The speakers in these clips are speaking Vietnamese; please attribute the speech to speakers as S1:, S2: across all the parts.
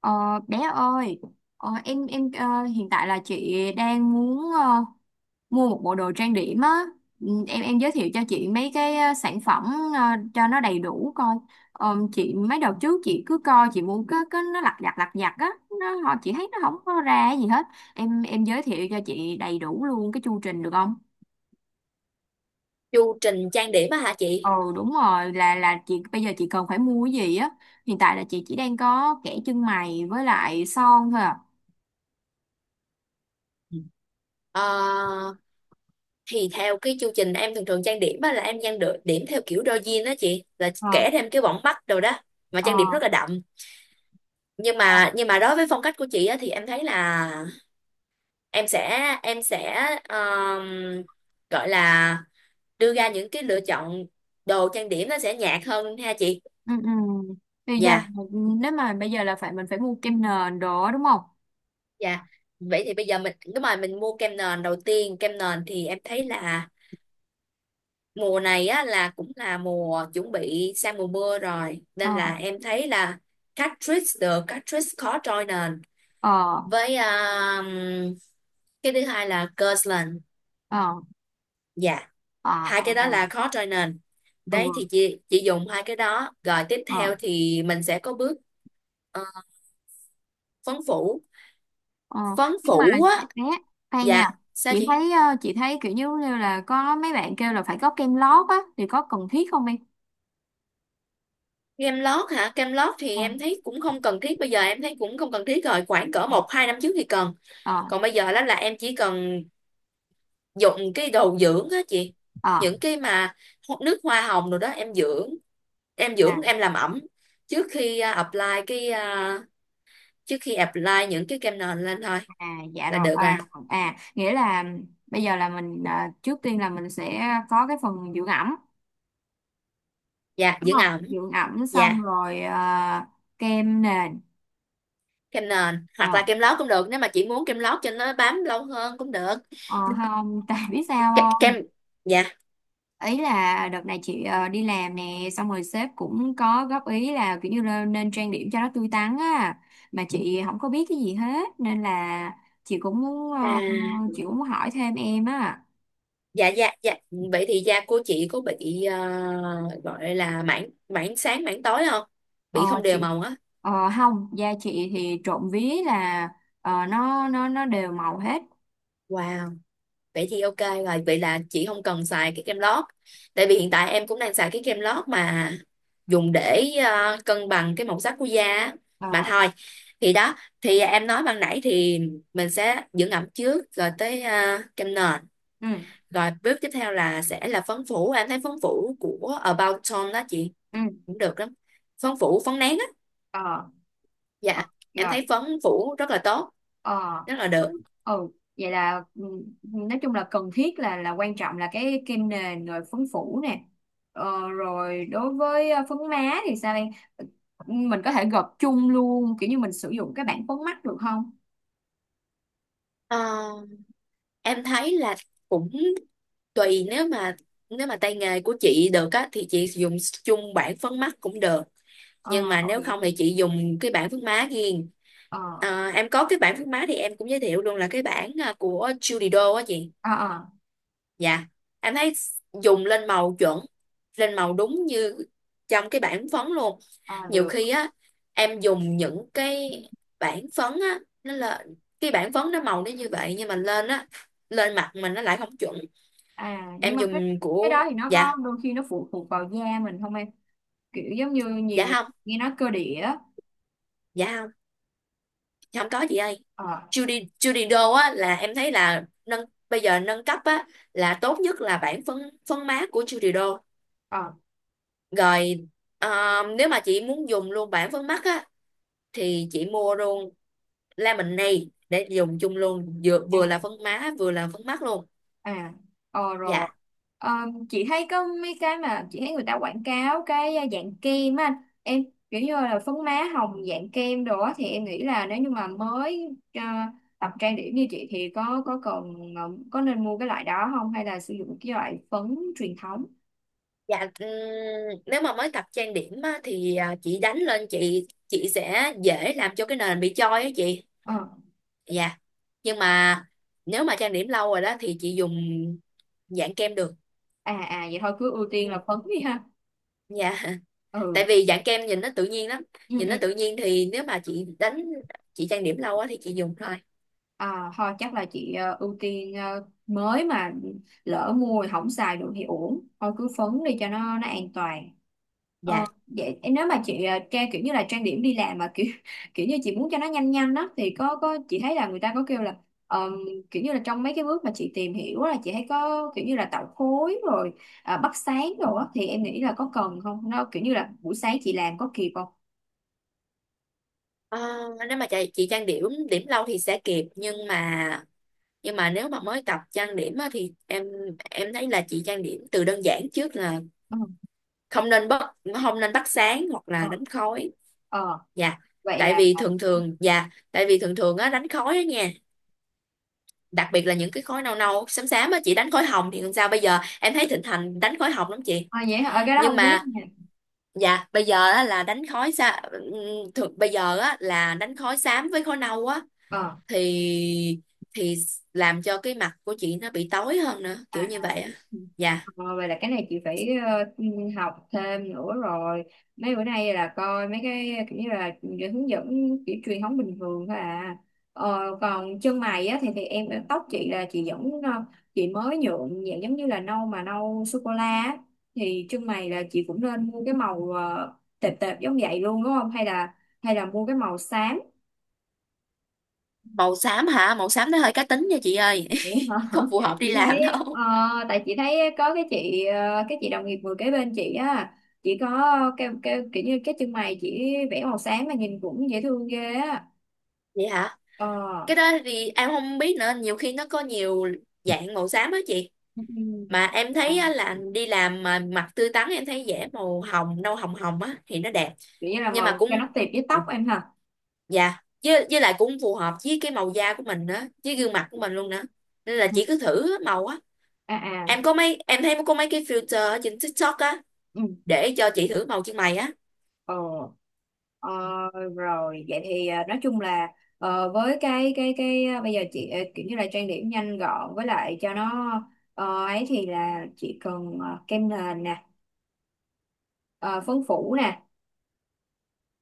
S1: Ờ, Bé ơi, em hiện tại là chị đang muốn mua một bộ đồ trang điểm á. Ừ, em giới thiệu cho chị mấy cái sản phẩm ờ, cho nó đầy đủ coi. Chị mấy đợt trước chị cứ coi chị mua cái nó lặt vặt á, nó họ chị thấy nó không có ra cái gì hết. Em giới thiệu cho chị đầy đủ luôn cái chu trình được không?
S2: Chu trình trang điểm á hả
S1: Ừ,
S2: chị?
S1: đúng rồi, là chị bây giờ chị cần phải mua cái gì á. Hiện tại là chị chỉ đang có kẻ chân mày với lại son thôi à.
S2: Ừ. Ờ, thì theo cái chu trình em thường thường trang điểm á là em trang được điểm theo kiểu đôi jean đó chị, là
S1: Ờ.
S2: kẻ thêm cái bỏng mắt đồ đó mà
S1: Ờ.
S2: trang điểm rất là đậm, nhưng
S1: Ờ.
S2: mà nhưng mà đối với phong cách của chị á thì em thấy là em sẽ ờm, gọi là đưa ra những cái lựa chọn, đồ trang điểm nó sẽ nhạt hơn ha chị.
S1: Ừ, ừ. Bây giờ
S2: Dạ
S1: nếu mà bây giờ là phải mình phải mua kem nền đó đúng không?
S2: dạ, vậy thì bây giờ mình đúng rồi, mình mua kem nền đầu tiên. Kem nền thì em thấy là mùa này á là cũng là mùa chuẩn bị sang mùa mưa rồi,
S1: Ờ.
S2: nên là em thấy là Catrice, the Catrice khó trôi nền,
S1: Ờ.
S2: với cái thứ hai là Kirtland.
S1: Ờ.
S2: Dạ,
S1: Ờ, à.
S2: hai
S1: À.
S2: cái đó là khó trôi nền.
S1: Ừ.
S2: Đấy, thì chị dùng hai cái đó rồi tiếp
S1: Ờ.
S2: theo thì mình sẽ có bước ờ, phấn phủ,
S1: Ờ,
S2: phấn
S1: nhưng mà
S2: phủ
S1: chị-
S2: á.
S1: bé, khoan nha.
S2: Dạ, sao
S1: Chị
S2: chị?
S1: thấy, chị thấy kiểu như như là có mấy bạn kêu là phải có kem lót á thì có cần thiết không em?
S2: Kem lót hả? Kem lót thì
S1: Ờ.
S2: em thấy cũng không cần thiết, bây giờ em thấy cũng không cần thiết rồi, khoảng cỡ
S1: Ờ.
S2: một hai năm trước thì cần.
S1: Ờ.
S2: Còn bây giờ đó là em chỉ cần dùng cái đồ dưỡng á chị,
S1: Ờ.
S2: những cái mà nước hoa hồng rồi đó, em dưỡng, em
S1: À.
S2: dưỡng, em làm ẩm trước khi apply cái trước khi apply những cái kem nền lên thôi
S1: À, dạ
S2: là
S1: rồi.
S2: được rồi.
S1: À, rồi. À, nghĩa là bây giờ là mình trước tiên là mình sẽ có cái phần dưỡng ẩm
S2: Dạ,
S1: đúng
S2: dưỡng
S1: không?
S2: ẩm.
S1: Dưỡng ẩm xong
S2: Dạ,
S1: rồi, kem nền.
S2: kem nền
S1: ờ,
S2: hoặc là kem lót cũng được, nếu mà chị muốn kem lót cho nó bám lâu hơn cũng được.
S1: Ờ không, tại biết sao
S2: Ke-,
S1: không?
S2: kem. Dạ,
S1: Ý là đợt này chị đi làm nè, xong rồi sếp cũng có góp ý là kiểu như là nên trang điểm cho nó tươi tắn á, mà chị không có biết cái gì hết nên là chị cũng muốn,
S2: à,
S1: chị cũng muốn hỏi thêm em á.
S2: dạ dạ dạ, vậy thì da của chị có bị gọi là mảng, mảng sáng mảng tối không,
S1: Ờ
S2: bị không đều
S1: chị,
S2: màu á?
S1: không, da chị thì trộm vía là nó đều màu hết.
S2: Wow, vậy thì ok, rồi vậy là chị không cần xài cái kem lót, tại vì hiện tại em cũng đang xài cái kem lót mà dùng để cân bằng cái màu sắc của da á. Mà
S1: Ờ.
S2: thôi, thì đó, thì em nói ban nãy thì mình sẽ dưỡng ẩm trước rồi tới kem nền,
S1: Ừ.
S2: rồi bước tiếp theo là sẽ là phấn phủ. Em thấy phấn phủ của About Tom đó chị
S1: Ừ.
S2: cũng được lắm, phấn phủ phấn nén á.
S1: Ờ. Ờ,
S2: Dạ, em
S1: rồi.
S2: thấy phấn phủ rất là tốt,
S1: Ờ,
S2: rất là được.
S1: đúng. Ừ, vậy là, ừ, nói chung là cần thiết là quan trọng là cái kem nền rồi phấn phủ nè. Rồi đối với phấn má thì sao em? Ừ, mình có thể gộp chung luôn kiểu như mình sử dụng cái bảng phấn mắt được không?
S2: Ờ, em thấy là cũng tùy, nếu mà tay nghề của chị được á thì chị dùng chung bảng phấn mắt cũng được,
S1: Ờ.
S2: nhưng mà
S1: Ờ,
S2: nếu
S1: vậy.
S2: không thì chị dùng cái bảng phấn má riêng.
S1: Ờ.
S2: Ờ, em có cái bảng phấn má thì em cũng giới thiệu luôn là cái bảng của Judy Do á chị.
S1: Ờ. Ờ.
S2: Dạ, em thấy dùng lên màu chuẩn, lên màu đúng như trong cái bảng phấn luôn.
S1: Ờ,
S2: Nhiều khi
S1: được.
S2: á em dùng những cái bảng phấn á, nó là cái bảng phấn nó màu nó như vậy nhưng mà lên á, lên mặt mình nó lại không chuẩn.
S1: À, nhưng
S2: Em
S1: mà cái
S2: dùng
S1: cái đó
S2: của,
S1: thì nó có
S2: dạ,
S1: đôi khi nó phụ thuộc vào da mình không em? Kiểu giống như nhiều
S2: dạ
S1: người
S2: không,
S1: nghe nói cơ địa á.
S2: dạ không, dạ không có chị ơi.
S1: Ờ.
S2: Judy Judy Do á là em thấy là nâng, bây giờ nâng cấp á là tốt nhất là bản phấn, phấn mát của Judy Do
S1: Ờ.
S2: rồi. Ờ, nếu mà chị muốn dùng luôn bản phấn mắt á thì chị mua luôn Lemonade để dùng chung luôn, vừa là phấn má vừa là phấn mắt luôn.
S1: À. Ờ, rồi.
S2: Dạ,
S1: Ờ, chị thấy có mấy cái mà chị thấy người ta quảng cáo cái dạng kem á anh. Em kiểu như là phấn má hồng dạng kem đồ á thì em nghĩ là nếu như mà mới, tập trang điểm như chị thì có cần, có nên mua cái loại đó không hay là sử dụng cái loại phấn truyền thống?
S2: dạ, nếu mà mới tập trang điểm á, thì chị đánh lên, chị sẽ dễ làm cho cái nền bị choi á chị.
S1: Ờ.
S2: Dạ, nhưng mà nếu mà trang điểm lâu rồi đó thì chị dùng dạng kem được.
S1: À à, vậy thôi cứ ưu tiên
S2: Ừ.
S1: là phấn đi ha.
S2: Dạ. Tại
S1: Ừ.
S2: vì dạng kem nhìn nó tự nhiên lắm,
S1: Ừ,
S2: nhìn nó
S1: ừ.
S2: tự nhiên thì nếu mà chị đánh, chị trang điểm lâu á thì chị dùng thôi.
S1: À, thôi chắc là chị ưu tiên, mới mà lỡ mua rồi không xài được thì uổng, thôi cứ phấn đi cho nó an toàn.
S2: Dạ.
S1: Vậy nếu mà chị trang kiểu như là trang điểm đi làm mà kiểu kiểu như chị muốn cho nó nhanh nhanh đó thì có chị thấy là người ta có kêu là ờm, kiểu như là trong mấy cái bước mà chị tìm hiểu á, là chị thấy có kiểu như là tạo khối rồi à, bắt sáng rồi á thì em nghĩ là có cần không, nó kiểu như là buổi sáng chị làm có kịp không?
S2: Ờ, nếu mà chị trang điểm điểm lâu thì sẽ kịp, nhưng mà nếu mà mới tập trang điểm á, thì em thấy là chị trang điểm từ đơn giản trước là
S1: Ừ.
S2: không nên bắt, không nên bắt sáng hoặc
S1: Ờ.
S2: là đánh khói.
S1: Ờ,
S2: Dạ,
S1: vậy
S2: tại
S1: là
S2: vì
S1: ờ.
S2: thường thường, dạ tại vì thường thường á đánh khói á nha, đặc biệt là những cái khối nâu nâu xám xám á, chị đánh khối hồng thì làm sao, bây giờ em thấy thịnh hành đánh khối hồng lắm chị.
S1: Vậy hả? Ờ, cái đó
S2: Nhưng
S1: không biết
S2: mà,
S1: nha.
S2: dạ bây giờ á là đánh khối xa, thường bây giờ á là đánh khối xám với khối nâu á,
S1: Ờ.
S2: thì thì làm cho cái mặt của chị nó bị tối hơn nữa
S1: À,
S2: kiểu
S1: à.
S2: như vậy á.
S1: Ừ.
S2: Dạ,
S1: Ờ, vậy là cái này chị phải học thêm nữa rồi. Mấy bữa nay là coi mấy cái kiểu như là hướng dẫn kiểu truyền thống bình thường thôi à. Còn chân mày á thì em, tóc chị là chị vẫn, chị mới nhuộm dạng giống như là nâu mà nâu sô cô la á. Thì chân mày là chị cũng nên mua cái màu tệp tệp giống vậy luôn đúng không, hay là hay là mua cái màu xám?
S2: màu xám hả? Màu xám nó hơi cá tính nha chị ơi.
S1: Vậy hả?
S2: Không phù hợp đi
S1: Chị thấy,
S2: làm đâu.
S1: ờ, tại chị thấy có cái chị, cái chị đồng nghiệp ngồi kế bên chị á, chị có cái kiểu như cái chân mày chị vẽ màu sáng mà nhìn cũng dễ thương ghê á.
S2: Vậy hả?
S1: Ờ.
S2: Cái đó thì em không biết nữa, nhiều khi nó có nhiều dạng màu xám á chị,
S1: Ừ,
S2: mà em
S1: à,
S2: thấy á là đi làm mà mặt tươi tắn em thấy vẽ màu hồng nâu hồng hồng á thì nó đẹp.
S1: kiểu như là
S2: Nhưng mà
S1: màu cho
S2: cũng,
S1: nó tiệp với tóc em hả?
S2: dạ với lại cũng phù hợp với cái màu da của mình nữa, với gương mặt của mình luôn nữa, nên là
S1: Ừ.
S2: chị cứ thử màu á.
S1: À à.
S2: Em có mấy em thấy có mấy cái filter ở trên TikTok á
S1: Ừ.
S2: để cho chị thử màu chân mày á.
S1: Ờ. Ờ, rồi vậy thì nói chung là với cái cái bây giờ chị kiểu như là trang điểm nhanh gọn với lại cho nó ấy thì là chị cần kem nền nè, ờ, phấn phủ nè.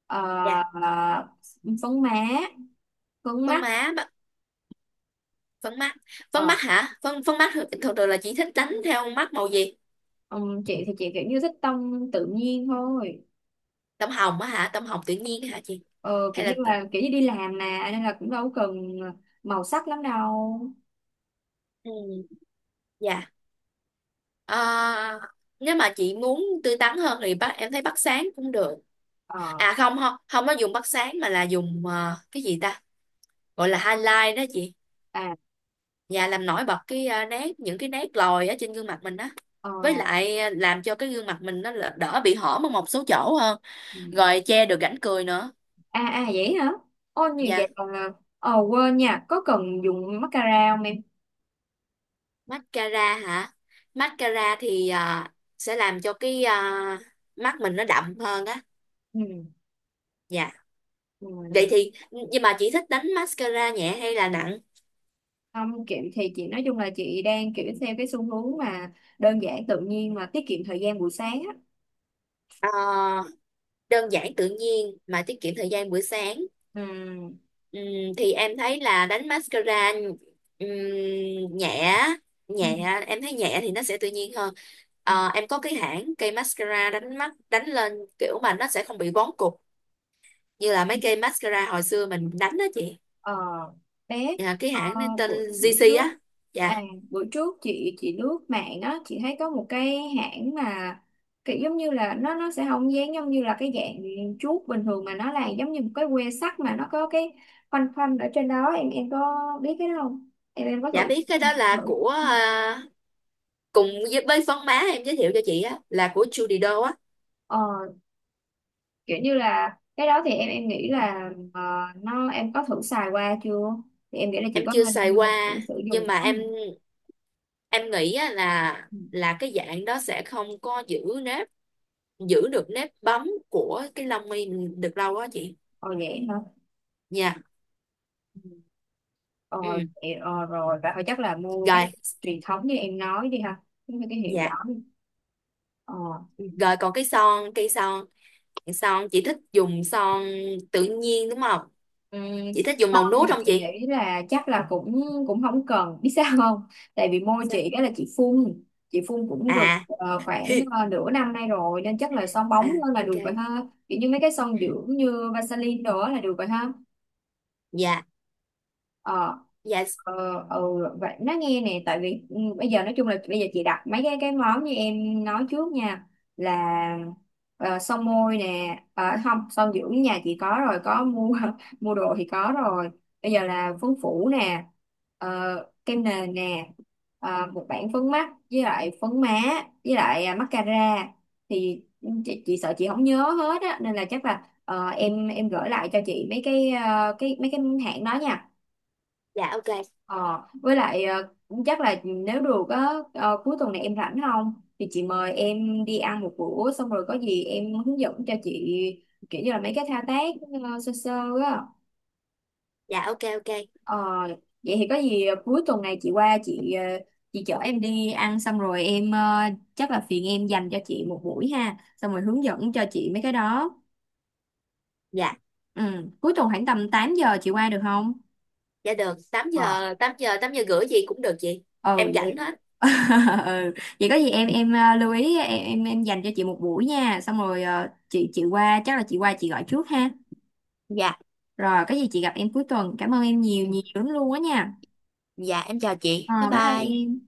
S1: Ờ.
S2: Dạ,
S1: ờ, Phấn má, phấn
S2: phấn
S1: mắt.
S2: má ba-, phấn mắt, phấn
S1: Ờ.
S2: mắt hả? Phấn phấn mắt thường thường là chị thích đánh theo mắt màu gì?
S1: Ừm, chị thì chị kiểu như thích tông tự nhiên thôi.
S2: Tông hồng á hả, tông hồng tự nhiên hả chị?
S1: Ờ,
S2: Hay
S1: Kiểu
S2: là
S1: như
S2: tự-,
S1: là kiểu như đi làm mà nên là cũng đâu cần màu sắc lắm đâu.
S2: ừ, dạ. À, nếu mà chị muốn tươi tắn hơn thì em thấy bắt sáng cũng được.
S1: Ờ.
S2: À không không, không có dùng bắt sáng mà là dùng cái gì ta? Gọi là highlight đó chị.
S1: À.
S2: Và làm nổi bật cái nét, những cái nét lồi ở trên gương mặt mình á.
S1: Ờ.
S2: Với lại làm cho cái gương mặt mình nó là-, đỡ bị hõm ở một số chỗ hơn.
S1: Ừm.
S2: Rồi che được rãnh cười nữa.
S1: À à, vậy hả? Ô nhiều
S2: Dạ,
S1: vậy còn là quên nha, có cần dùng mascara không em?
S2: mascara hả? Mascara thì sẽ làm cho cái mắt mình nó đậm hơn á.
S1: Ừ.
S2: Dạ. Vậy
S1: Ừ.
S2: thì nhưng mà chị thích đánh mascara nhẹ hay là nặng?
S1: Không kiểu thì chị nói chung là chị đang kiểu theo cái xu hướng mà đơn giản tự nhiên mà tiết kiệm thời gian buổi sáng á.
S2: Ờ, đơn giản tự nhiên mà tiết kiệm thời gian buổi sáng.
S1: Ừ.
S2: Ừm, thì em thấy là đánh mascara ừm, nhẹ, nhẹ em thấy nhẹ thì nó sẽ tự nhiên hơn.
S1: Ừ.
S2: Ờ, em có cái hãng cây mascara đánh mắt đánh lên kiểu mà nó sẽ không bị vón cục như là mấy cây mascara hồi xưa mình đánh đó chị.
S1: Ờ, bé.
S2: Dạ, cái
S1: ờ,
S2: hãng này tên
S1: buổi buổi
S2: GC
S1: trước,
S2: á. Dạ
S1: à buổi trước chị lướt mạng á, chị thấy có một cái hãng mà kiểu giống như là nó sẽ không dán giống như là cái dạng chuốt bình thường mà nó là giống như một cái que sắt mà nó có cái khoanh khoanh ở trên đó. Em có biết cái đó không, em em có
S2: dạ,
S1: thử
S2: biết cái đó là
S1: thử?
S2: của cùng với phấn má em giới thiệu cho chị á là của Judy Do á.
S1: Ờ, kiểu như là cái đó thì em nghĩ là nó em có thử xài qua chưa, thì em nghĩ là chị
S2: Em
S1: có
S2: chưa
S1: nên
S2: xài qua
S1: thử sử dụng
S2: nhưng
S1: cái đó
S2: mà em
S1: không?
S2: em nghĩ á là
S1: Ừ.
S2: cái dạng đó sẽ không có giữ nếp, giữ được nếp bóng của cái lông mi mình được lâu á chị.
S1: Ờ vậy hả?
S2: Nha.
S1: Ừ. Ờ,
S2: Ừ.
S1: vậy- ờ rồi vậy thôi chắc là mua
S2: Rồi.
S1: cái truyền thống như em nói đi ha, cái hiệu
S2: Dạ,
S1: đó đi. Ờ.
S2: rồi còn cái son, cây son son chị thích dùng son tự nhiên đúng không,
S1: Ừ,
S2: chị thích dùng màu
S1: xong
S2: nude
S1: thì
S2: không
S1: chị
S2: chị?
S1: nghĩ là chắc là cũng cũng không cần biết sao không? Tại vì môi
S2: Sao?
S1: chị đó là chị phun, chị phun cũng được
S2: À,
S1: khoảng nửa năm nay rồi nên chắc là son bóng
S2: à,
S1: hơn là
S2: ok.
S1: được rồi ha, kiểu như mấy cái son dưỡng như Vaseline đó là được rồi ha.
S2: Dạ.
S1: Ờ.
S2: Dạ
S1: Ờ. Ừ, vậy nó nghe nè, tại vì ừ, bây giờ nói chung là bây giờ chị đặt mấy cái món như em nói trước nha. Là son môi nè, không son dưỡng nhà chị có rồi, có mua mua đồ thì có rồi. Bây giờ là phấn phủ nè, ờ, kem nền nè, một bảng phấn mắt với lại phấn má, với lại à, mascara. Thì chị sợ chị không nhớ hết á nên là chắc là em gửi lại cho chị mấy cái cái mấy cái hãng đó nha.
S2: dạ ok,
S1: Ờ, với lại cũng chắc là nếu được á, cuối tuần này em rảnh không thì chị mời em đi ăn một bữa, xong rồi có gì em hướng dẫn cho chị kiểu như là mấy cái thao tác sơ sơ á.
S2: dạ ok ok,
S1: Ờ, vậy thì có gì cuối tuần này chị qua chị, chị chở em đi ăn, xong rồi em, chắc là phiền em dành cho chị một buổi ha, xong rồi hướng dẫn cho chị mấy cái đó.
S2: dạ
S1: Ừ. Cuối tuần khoảng tầm 8 giờ chị qua được không?
S2: dạ được, 8 giờ, 8 giờ, 8 giờ rưỡi gì cũng được chị,
S1: Ừ
S2: em
S1: vậy.
S2: rảnh hết.
S1: Ừ. Vậy có gì em lưu ý, em dành cho chị một buổi nha, xong rồi chị qua chắc là chị qua chị gọi trước ha.
S2: Dạ.
S1: Rồi có gì chị gặp em cuối tuần, cảm ơn em nhiều
S2: Ừ.
S1: nhiều lắm luôn á nha.
S2: Dạ em chào chị. Bye
S1: Ờ, bye bye
S2: bye.
S1: em.